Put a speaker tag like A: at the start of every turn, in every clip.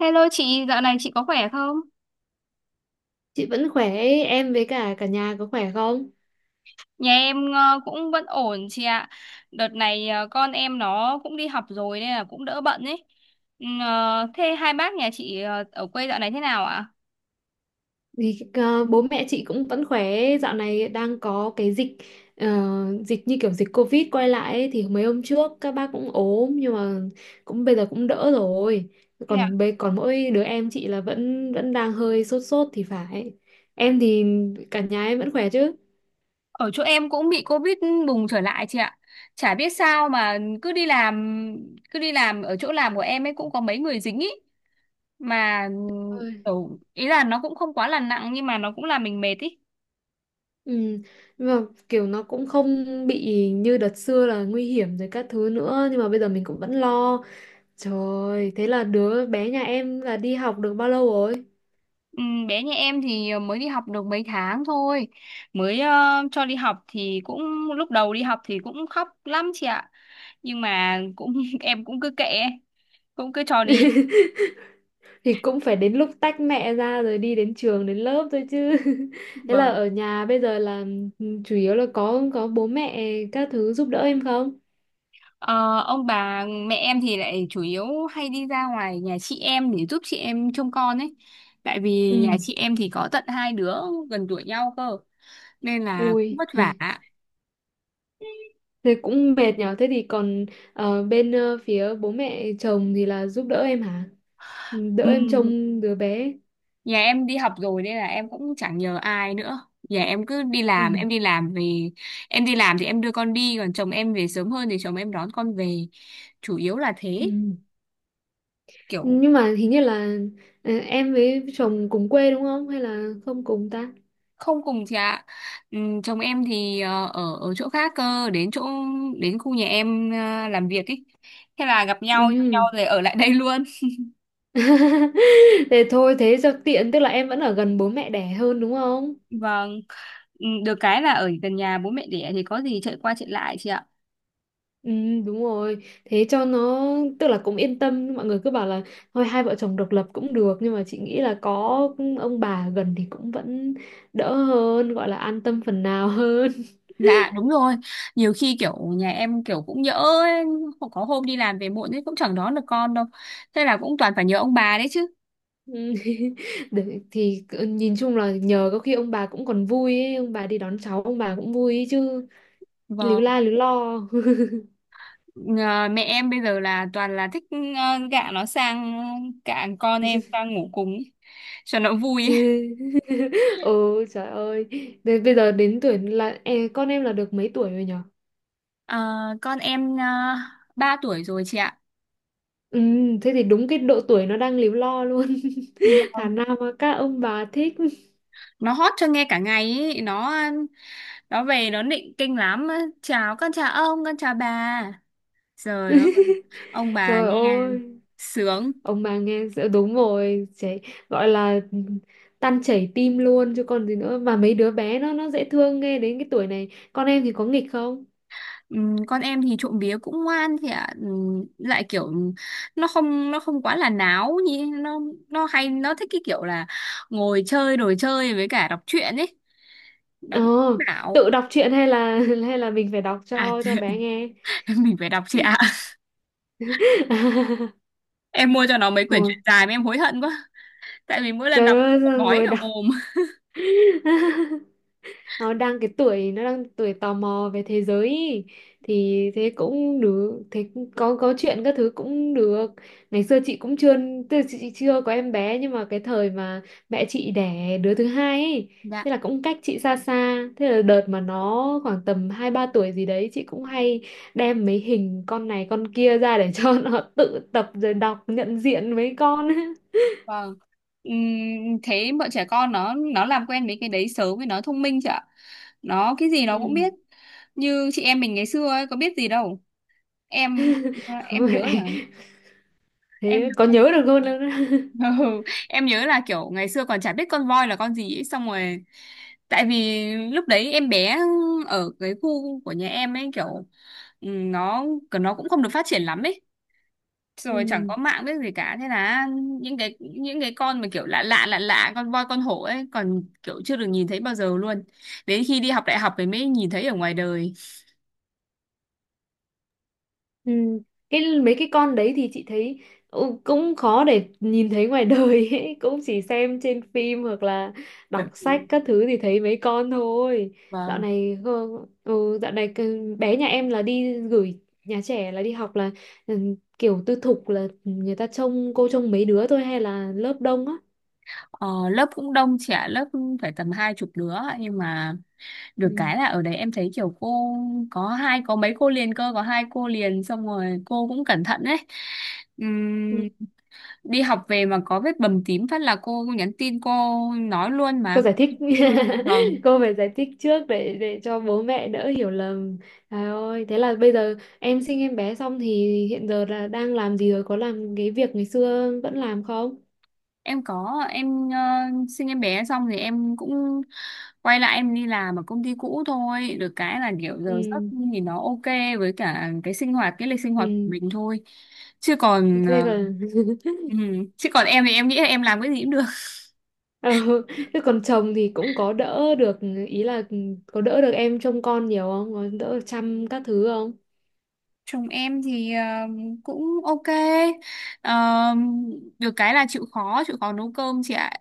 A: Hello chị, dạo này chị có khỏe không?
B: Chị vẫn khỏe, em với cả cả nhà có khỏe không?
A: Nhà em cũng vẫn ổn chị ạ. Đợt này con em nó cũng đi học rồi nên là cũng đỡ bận ấy. Thế hai bác nhà chị ở quê dạo này thế nào ạ?
B: Thì, bố mẹ chị cũng vẫn khỏe, dạo này đang có cái ờ, dịch như kiểu dịch Covid quay lại ấy, thì mấy hôm trước các bác cũng ốm nhưng mà cũng bây giờ cũng đỡ rồi.
A: Thế ạ?
B: Còn mỗi đứa em chị là vẫn vẫn đang hơi sốt sốt thì phải. Em thì cả nhà em vẫn khỏe chứ?
A: Ở chỗ em cũng bị Covid bùng trở lại chị ạ. Chả biết sao mà cứ đi làm ở chỗ làm của em ấy cũng có mấy người dính ý mà
B: Ôi.
A: ừ, ý là nó cũng không quá là nặng nhưng mà nó cũng làm mình mệt ý.
B: Ừ. Nhưng mà kiểu nó cũng không bị như đợt xưa là nguy hiểm rồi các thứ nữa, nhưng mà bây giờ mình cũng vẫn lo. Trời, thế là đứa bé nhà em là đi học được bao lâu rồi?
A: Ừ, bé nhà em thì mới đi học được mấy tháng thôi mới cho đi học thì cũng lúc đầu đi học thì cũng khóc lắm chị ạ, nhưng mà cũng em cũng cứ kệ ấy, cũng cứ cho đi.
B: Thì cũng phải đến lúc tách mẹ ra rồi đi đến trường đến lớp thôi chứ. Thế là
A: Vâng.
B: ở nhà bây giờ là chủ yếu là có bố mẹ các thứ giúp đỡ em không?
A: Ờ, ông bà mẹ em thì lại chủ yếu hay đi ra ngoài nhà chị em để giúp chị em trông con ấy, tại vì
B: Ừ.
A: nhà chị em thì có tận hai đứa gần tuổi nhau cơ, nên là cũng
B: Ui,
A: vất vả.
B: thế cũng mệt nhở. Thế thì còn bên phía bố mẹ chồng thì là giúp đỡ em hả? Ừ, đỡ
A: Ừ,
B: em trông đứa bé.
A: nhà em đi học rồi nên là em cũng chẳng nhờ ai nữa. Nhà em cứ đi làm, em
B: Ừ.
A: đi làm về, em đi làm thì em đưa con đi, còn chồng em về sớm hơn thì chồng em đón con về. Chủ yếu là thế,
B: Ừ.
A: kiểu
B: Nhưng mà hình như là em với chồng cùng quê đúng không, hay là không cùng ta?
A: không cùng chị ạ. Chồng em thì ở ở chỗ khác cơ, đến chỗ đến khu nhà em làm việc ấy. Thế là gặp nhau yêu nhau
B: Ừ.
A: rồi ở lại đây luôn.
B: Thế thôi, thế cho tiện, tức là em vẫn ở gần bố mẹ đẻ hơn đúng không?
A: Vâng, ừm, được cái là ở gần nhà bố mẹ đẻ thì có gì chạy qua chạy lại chị ạ.
B: Ừ, đúng rồi, thế cho nó, tức là cũng yên tâm. Mọi người cứ bảo là thôi hai vợ chồng độc lập cũng được, nhưng mà chị nghĩ là có ông bà gần thì cũng vẫn đỡ hơn, gọi là an tâm phần nào hơn.
A: Dạ đúng rồi. Nhiều khi kiểu nhà em kiểu cũng nhỡ ấy. Có hôm đi làm về muộn ấy cũng chẳng đón được con đâu, thế là cũng toàn phải nhờ ông bà đấy chứ.
B: Ừ. Để, nhìn chung là nhờ có khi ông bà cũng còn vui ấy, ông bà đi đón cháu ông bà cũng vui ấy chứ, líu
A: Vâng.
B: la líu lo.
A: Ờ, mẹ em bây giờ là toàn là thích gạ nó sang, gạ con em sang ngủ cùng ấy, cho nó vui ấy.
B: chứ. Ừ, trời ơi. Thế bây giờ đến tuổi là con em là được mấy tuổi rồi nhở?
A: Ờ, con em 3 tuổi rồi chị ạ.
B: Ừ, thế thì đúng cái độ tuổi nó đang líu lo luôn. Thà
A: Vâng.
B: nào mà các ông bà thích.
A: Nó hót cho nghe cả ngày ấy. Nó về nó nịnh kinh lắm. Chào con chào ông con chào bà. Trời ơi, ông bà
B: Trời
A: nghe
B: ơi,
A: sướng.
B: ông bà nghe đúng rồi, trẻ gọi là tan chảy tim luôn chứ còn gì nữa, mà mấy đứa bé nó dễ thương nghe. Đến cái tuổi này con em thì có nghịch không?
A: Con em thì trộm vía cũng ngoan thì ạ. Lại kiểu nó không quá là náo như nó hay nó thích cái kiểu là ngồi chơi đồ chơi với cả đọc truyện ấy, nó
B: ờ
A: cũng bảo
B: Tự đọc truyện hay là hay là mình phải đọc
A: à,
B: cho bé nghe?
A: mình phải đọc chị ạ. Em mua cho nó mấy
B: Ờ.
A: quyển truyện dài mà em hối hận quá, tại vì mỗi lần
B: Trời
A: đọc
B: ơi, sao
A: bói
B: ngồi
A: cả
B: đọc.
A: mồm.
B: Nó đang cái tuổi, nó đang tuổi tò mò về thế giới ý. Thì thế cũng được, thế cũng có chuyện các thứ cũng được. Ngày xưa chị cũng chưa, tức là chị chưa có em bé, nhưng mà cái thời mà mẹ chị đẻ đứa thứ hai ấy,
A: Dạ
B: thế là cũng cách chị xa xa, thế là đợt mà nó khoảng tầm hai ba tuổi gì đấy chị cũng hay đem mấy hình con này con kia ra để cho nó tự tập rồi đọc, nhận diện mấy con.
A: vâng. Ừm, thế bọn trẻ con nó làm quen với cái đấy sớm với nó thông minh chị ạ, nó cái gì nó
B: Ừ.
A: cũng biết. Như chị em mình ngày xưa ấy, có biết gì đâu. em em nhớ là
B: Mẹ
A: em
B: Thế
A: nhớ
B: có
A: là-
B: nhớ được luôn đâu đó.
A: ừ, em nhớ là kiểu ngày xưa còn chả biết con voi là con gì ấy, xong rồi tại vì lúc đấy em bé ở cái khu của nhà em ấy kiểu, ừ, nó cũng không được phát triển lắm ấy, rồi chẳng
B: Ừ.
A: có mạng biết gì cả. Thế là những cái con mà kiểu lạ lạ lạ lạ con voi con hổ ấy còn kiểu chưa được nhìn thấy bao giờ luôn, đến khi đi học đại học thì mới nhìn thấy ở ngoài đời.
B: Ừ. Cái mấy cái con đấy thì chị thấy, ừ, cũng khó để nhìn thấy ngoài đời ấy. Cũng chỉ xem trên phim hoặc là đọc sách các thứ thì thấy mấy con thôi. Dạo
A: Vâng.
B: này ừ, dạo này bé nhà em là đi gửi nhà trẻ, là đi học là ừ, kiểu tư thục, là người ta trông, cô trông mấy đứa thôi hay là lớp đông á?
A: Ờ, lớp cũng đông trẻ, lớp phải tầm hai chục đứa, nhưng mà
B: Ừ.
A: được cái là ở đấy em thấy kiểu cô có hai có mấy cô liền cơ có hai cô liền, xong rồi cô cũng cẩn thận đấy.
B: Ừ.
A: Ừm, đi học về mà có vết bầm tím phát là cô nhắn tin, cô nói luôn
B: Cô
A: mà.
B: giải thích
A: Nói luôn. Vâng.
B: cô phải giải thích trước để cho bố mẹ đỡ hiểu lầm. Trời ơi, thế là bây giờ em sinh em bé xong thì hiện giờ là đang làm gì rồi, có làm cái việc ngày xưa vẫn làm không?
A: Em có em ờ, sinh em bé xong thì em cũng quay lại em đi làm ở công ty cũ thôi, được cái là kiểu giờ giấc
B: Ừ.
A: thì nó ok với cả cái sinh hoạt cái lịch sinh hoạt của
B: Ừ,
A: mình thôi, chứ còn
B: thế còn.
A: ừ, chứ còn em thì em nghĩ là em làm cái gì cũng được.
B: Ừ. Thế còn chồng thì cũng có đỡ được, ý là có đỡ được em trông con nhiều không, có đỡ chăm các thứ không?
A: Chồng em thì cũng ok. Ờ, được cái là chịu khó nấu cơm chị ạ.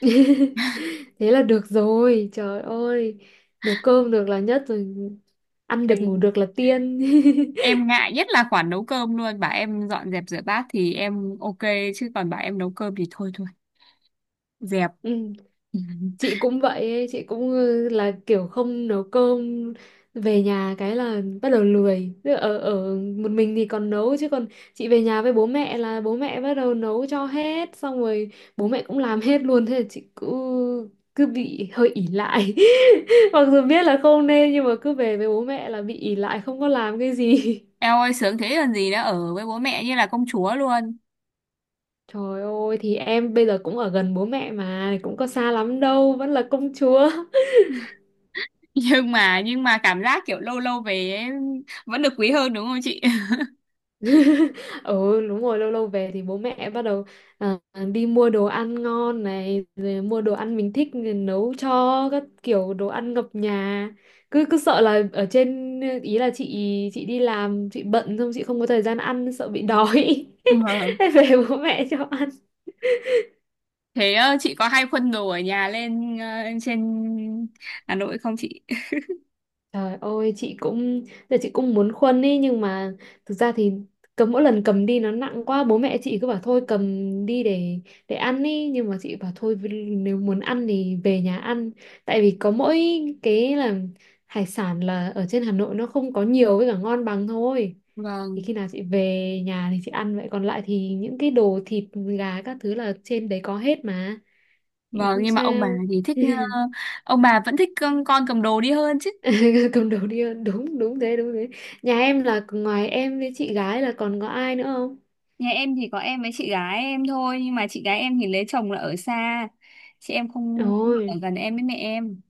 B: Thế là được rồi, trời ơi, nấu cơm được là nhất rồi, ăn được ngủ được là tiên.
A: Em ngại nhất là khoản nấu cơm luôn, bảo em dọn dẹp rửa bát thì em ok, chứ còn bảo em nấu cơm thì thôi thôi, dẹp.
B: Ừ. Chị cũng vậy ấy, chị cũng ừ, là kiểu không nấu cơm, về nhà cái là bắt đầu lười. Tức là ở ở một mình thì còn nấu, chứ còn chị về nhà với bố mẹ là bố mẹ bắt đầu nấu cho hết, xong rồi bố mẹ cũng làm hết luôn, thế là chị cứ cứ bị hơi ỷ lại. Mặc dù biết là không nên nhưng mà cứ về với bố mẹ là bị ỷ lại, không có làm cái gì.
A: Em ơi sướng thế còn gì nữa, ở với bố mẹ như là công chúa luôn.
B: Trời ơi, thì em bây giờ cũng ở gần bố mẹ mà, cũng có xa lắm đâu, vẫn là công chúa.
A: Nhưng mà cảm giác kiểu lâu lâu về ấy, vẫn được quý hơn đúng không chị?
B: Ừ, đúng rồi, lâu lâu về thì bố mẹ bắt đầu, à, đi mua đồ ăn ngon này, rồi mua đồ ăn mình thích rồi nấu cho các kiểu, đồ ăn ngập nhà. Cứ cứ sợ là ở trên ý, là chị đi làm chị bận, xong chị không có thời gian ăn, sợ bị đói.
A: Vâng.
B: Về bố mẹ cho ăn.
A: Thế chị có hay khuân đồ ở nhà lên trên Hà Nội không chị?
B: Trời ơi, chị cũng giờ chị cũng muốn khuân ý, nhưng mà thực ra thì cầm, mỗi lần cầm đi nó nặng quá, bố mẹ chị cứ bảo thôi cầm đi để ăn ý, nhưng mà chị bảo thôi, nếu muốn ăn thì về nhà ăn. Tại vì có mỗi cái là hải sản là ở trên Hà Nội nó không có nhiều với cả ngon bằng thôi, thì
A: vâng
B: khi nào chị về nhà thì chị ăn vậy, còn lại thì những cái đồ thịt gà các thứ là trên đấy có hết mà. Thì
A: vâng
B: không
A: nhưng mà ông bà
B: sao.
A: thì thích ông bà vẫn thích con cầm đồ đi hơn chứ.
B: Cầm đầu đi, đúng, đúng thế, đúng thế. Nhà em là ngoài em với chị gái là còn có ai nữa không?
A: Nhà em thì có em với chị gái em thôi, nhưng mà chị gái em thì lấy chồng là ở xa, chị em không không ở
B: Ôi,
A: gần em với mẹ em.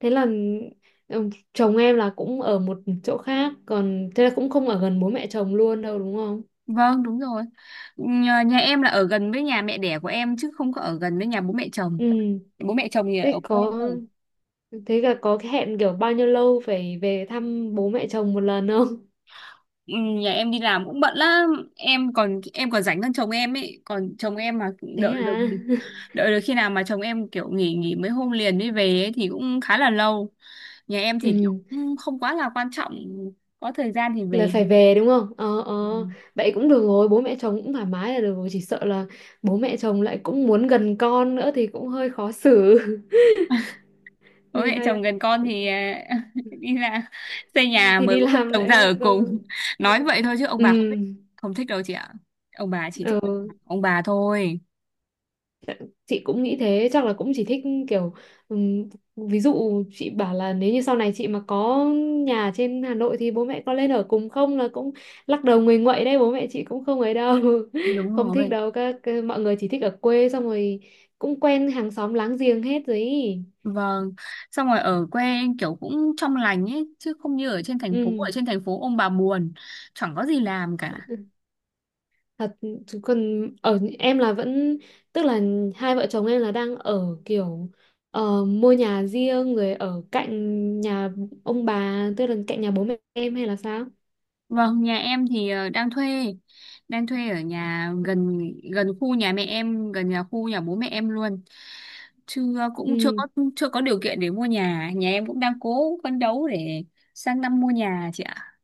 B: thế là ừ, chồng em là cũng ở một chỗ khác, còn thế là cũng không ở gần bố mẹ chồng luôn đâu đúng không?
A: Vâng đúng rồi, nhà em là ở gần với nhà mẹ đẻ của em chứ không có ở gần với nhà bố mẹ chồng.
B: Ừ,
A: Bố mẹ chồng thì ở
B: thế
A: quê
B: có
A: cơ.
B: thế là có cái hẹn kiểu bao nhiêu lâu phải về thăm bố mẹ chồng một lần không?
A: Ừ, nhà em đi làm cũng bận lắm, em còn rảnh hơn chồng em ấy, còn chồng em mà
B: Thế
A: đợi được
B: à?
A: đợi được khi nào mà chồng em kiểu nghỉ nghỉ mấy hôm liền mới về ấy, thì cũng khá là lâu. Nhà em thì kiểu
B: Ừ,
A: cũng không quá là quan trọng, có thời gian thì
B: là
A: về.
B: phải về đúng không? Ờ, ờ,
A: Ừ.
B: vậy cũng được rồi, bố mẹ chồng cũng thoải mái là được rồi, chỉ sợ là bố mẹ chồng lại cũng muốn gần con nữa thì cũng hơi khó xử.
A: Bố
B: Thì
A: mẹ
B: hay,
A: chồng gần con thì à, đi ra xây nhà
B: thì
A: mời
B: đi
A: bố mẹ
B: làm
A: chồng ra
B: lại
A: ở
B: có.
A: cùng. Nói vậy thôi chứ ông
B: Ừ.
A: bà không thích, không thích đâu chị ạ. Ông bà chỉ thích
B: Ừ.
A: ông bà thôi.
B: Chị cũng nghĩ thế, chắc là cũng chỉ thích kiểu, ừm, ví dụ chị bảo là nếu như sau này chị mà có nhà trên Hà Nội thì bố mẹ có lên ở cùng không là cũng lắc đầu nguầy nguậy đấy, bố mẹ chị cũng không ấy đâu.
A: Đúng
B: Không thích
A: rồi.
B: đâu, mọi người chỉ thích ở quê, xong rồi cũng quen hàng xóm láng giềng hết rồi ý.
A: Vâng, xong rồi ở quê em kiểu cũng trong lành ấy chứ không như ở trên thành phố, ở
B: Ừ,
A: trên thành phố ông bà buồn chẳng có gì làm cả.
B: thật. Chứ còn ở em là vẫn, tức là hai vợ chồng em là đang ở kiểu, ờ, mua nhà riêng rồi ở cạnh nhà ông bà, tức là cạnh nhà bố mẹ em hay là sao?
A: Vâng, nhà em thì đang thuê ở nhà gần, gần khu nhà mẹ em, gần nhà khu nhà bố mẹ em luôn. Chưa, cũng chưa
B: Ừ.
A: có, chưa có điều kiện để mua nhà, nhà em cũng đang cố phấn đấu để sang năm mua nhà chị ạ.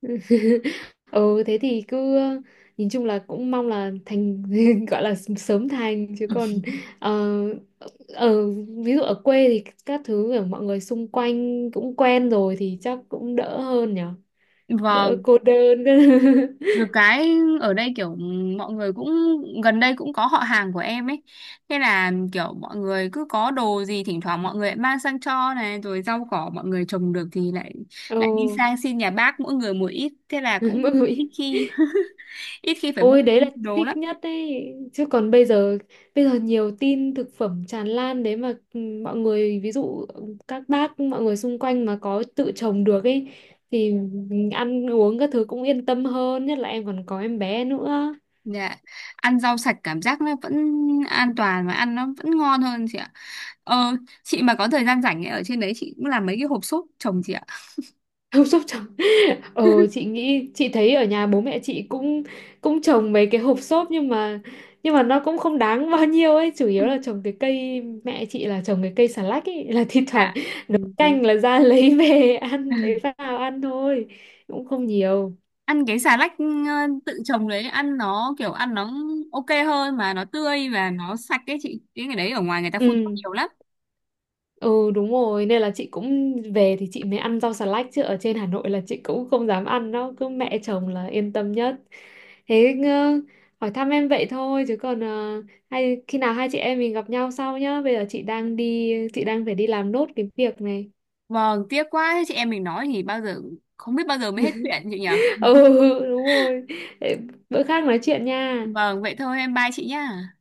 B: Ừ, thế thì cứ nhìn chung là cũng mong là thành gọi là sớm thành, chứ còn ờ, ở ví dụ ở quê thì các thứ, ở mọi người xung quanh cũng quen rồi thì chắc cũng đỡ hơn nhở, đỡ
A: Vâng,
B: cô đơn.
A: được cái ở đây kiểu ừ, mọi người cũng gần đây cũng có họ hàng của em ấy. Thế là kiểu mọi người cứ có đồ gì thỉnh thoảng mọi người lại mang sang cho này, rồi rau cỏ mọi người trồng được thì lại
B: Ồ.
A: lại đi sang xin nhà bác mỗi người một ít, thế là
B: Mỗi
A: cũng ít
B: người.
A: khi ít khi phải mua
B: Ôi, đấy là
A: đồ lắm.
B: thích nhất đấy, chứ còn bây giờ nhiều tin thực phẩm tràn lan đấy mà, ừ, mọi người ví dụ các bác mọi người xung quanh mà có tự trồng được ấy thì mình ăn uống các thứ cũng yên tâm hơn, nhất là em còn có em bé nữa.
A: Dạ ăn rau sạch cảm giác nó vẫn an toàn và ăn nó vẫn ngon hơn chị ạ. Ờ chị mà có thời gian rảnh ấy, ở trên đấy chị cũng làm mấy cái hộp sốt trồng chị ạ.
B: Không sốc trồng. Ờ, chị nghĩ chị thấy ở nhà bố mẹ chị cũng cũng trồng mấy cái hộp xốp, nhưng mà nó cũng không đáng bao nhiêu ấy, chủ yếu là trồng cái cây, mẹ chị là trồng cái cây xà lách ấy, là thi thoảng
A: Dạ, ừ,
B: nấu
A: đúng.
B: canh là ra lấy về ăn, lấy vào ăn thôi, cũng không nhiều.
A: Ăn cái xà lách ừ, tự trồng đấy ăn nó kiểu ăn nó ok hơn mà nó tươi và nó sạch ấy chị, cái ngày đấy ở ngoài người ta phun thuốc
B: Ừ.
A: nhiều lắm.
B: Ừ, đúng rồi, nên là chị cũng về thì chị mới ăn rau xà lách, chứ ở trên Hà Nội là chị cũng không dám ăn nó, cứ mẹ chồng là yên tâm nhất. Thế, hỏi thăm em vậy thôi, chứ còn hay khi nào hai chị em mình gặp nhau sau nhá, bây giờ chị đang đi, chị đang phải đi làm nốt cái việc này.
A: Vâng tiếc quá, thế chị em mình nói thì bao giờ, không biết bao giờ mới hết chuyện chị nhỉ.
B: Ừ, đúng rồi. Để bữa khác nói chuyện nha.
A: Vâng vậy thôi em bye chị nhá.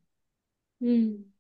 B: Ừ.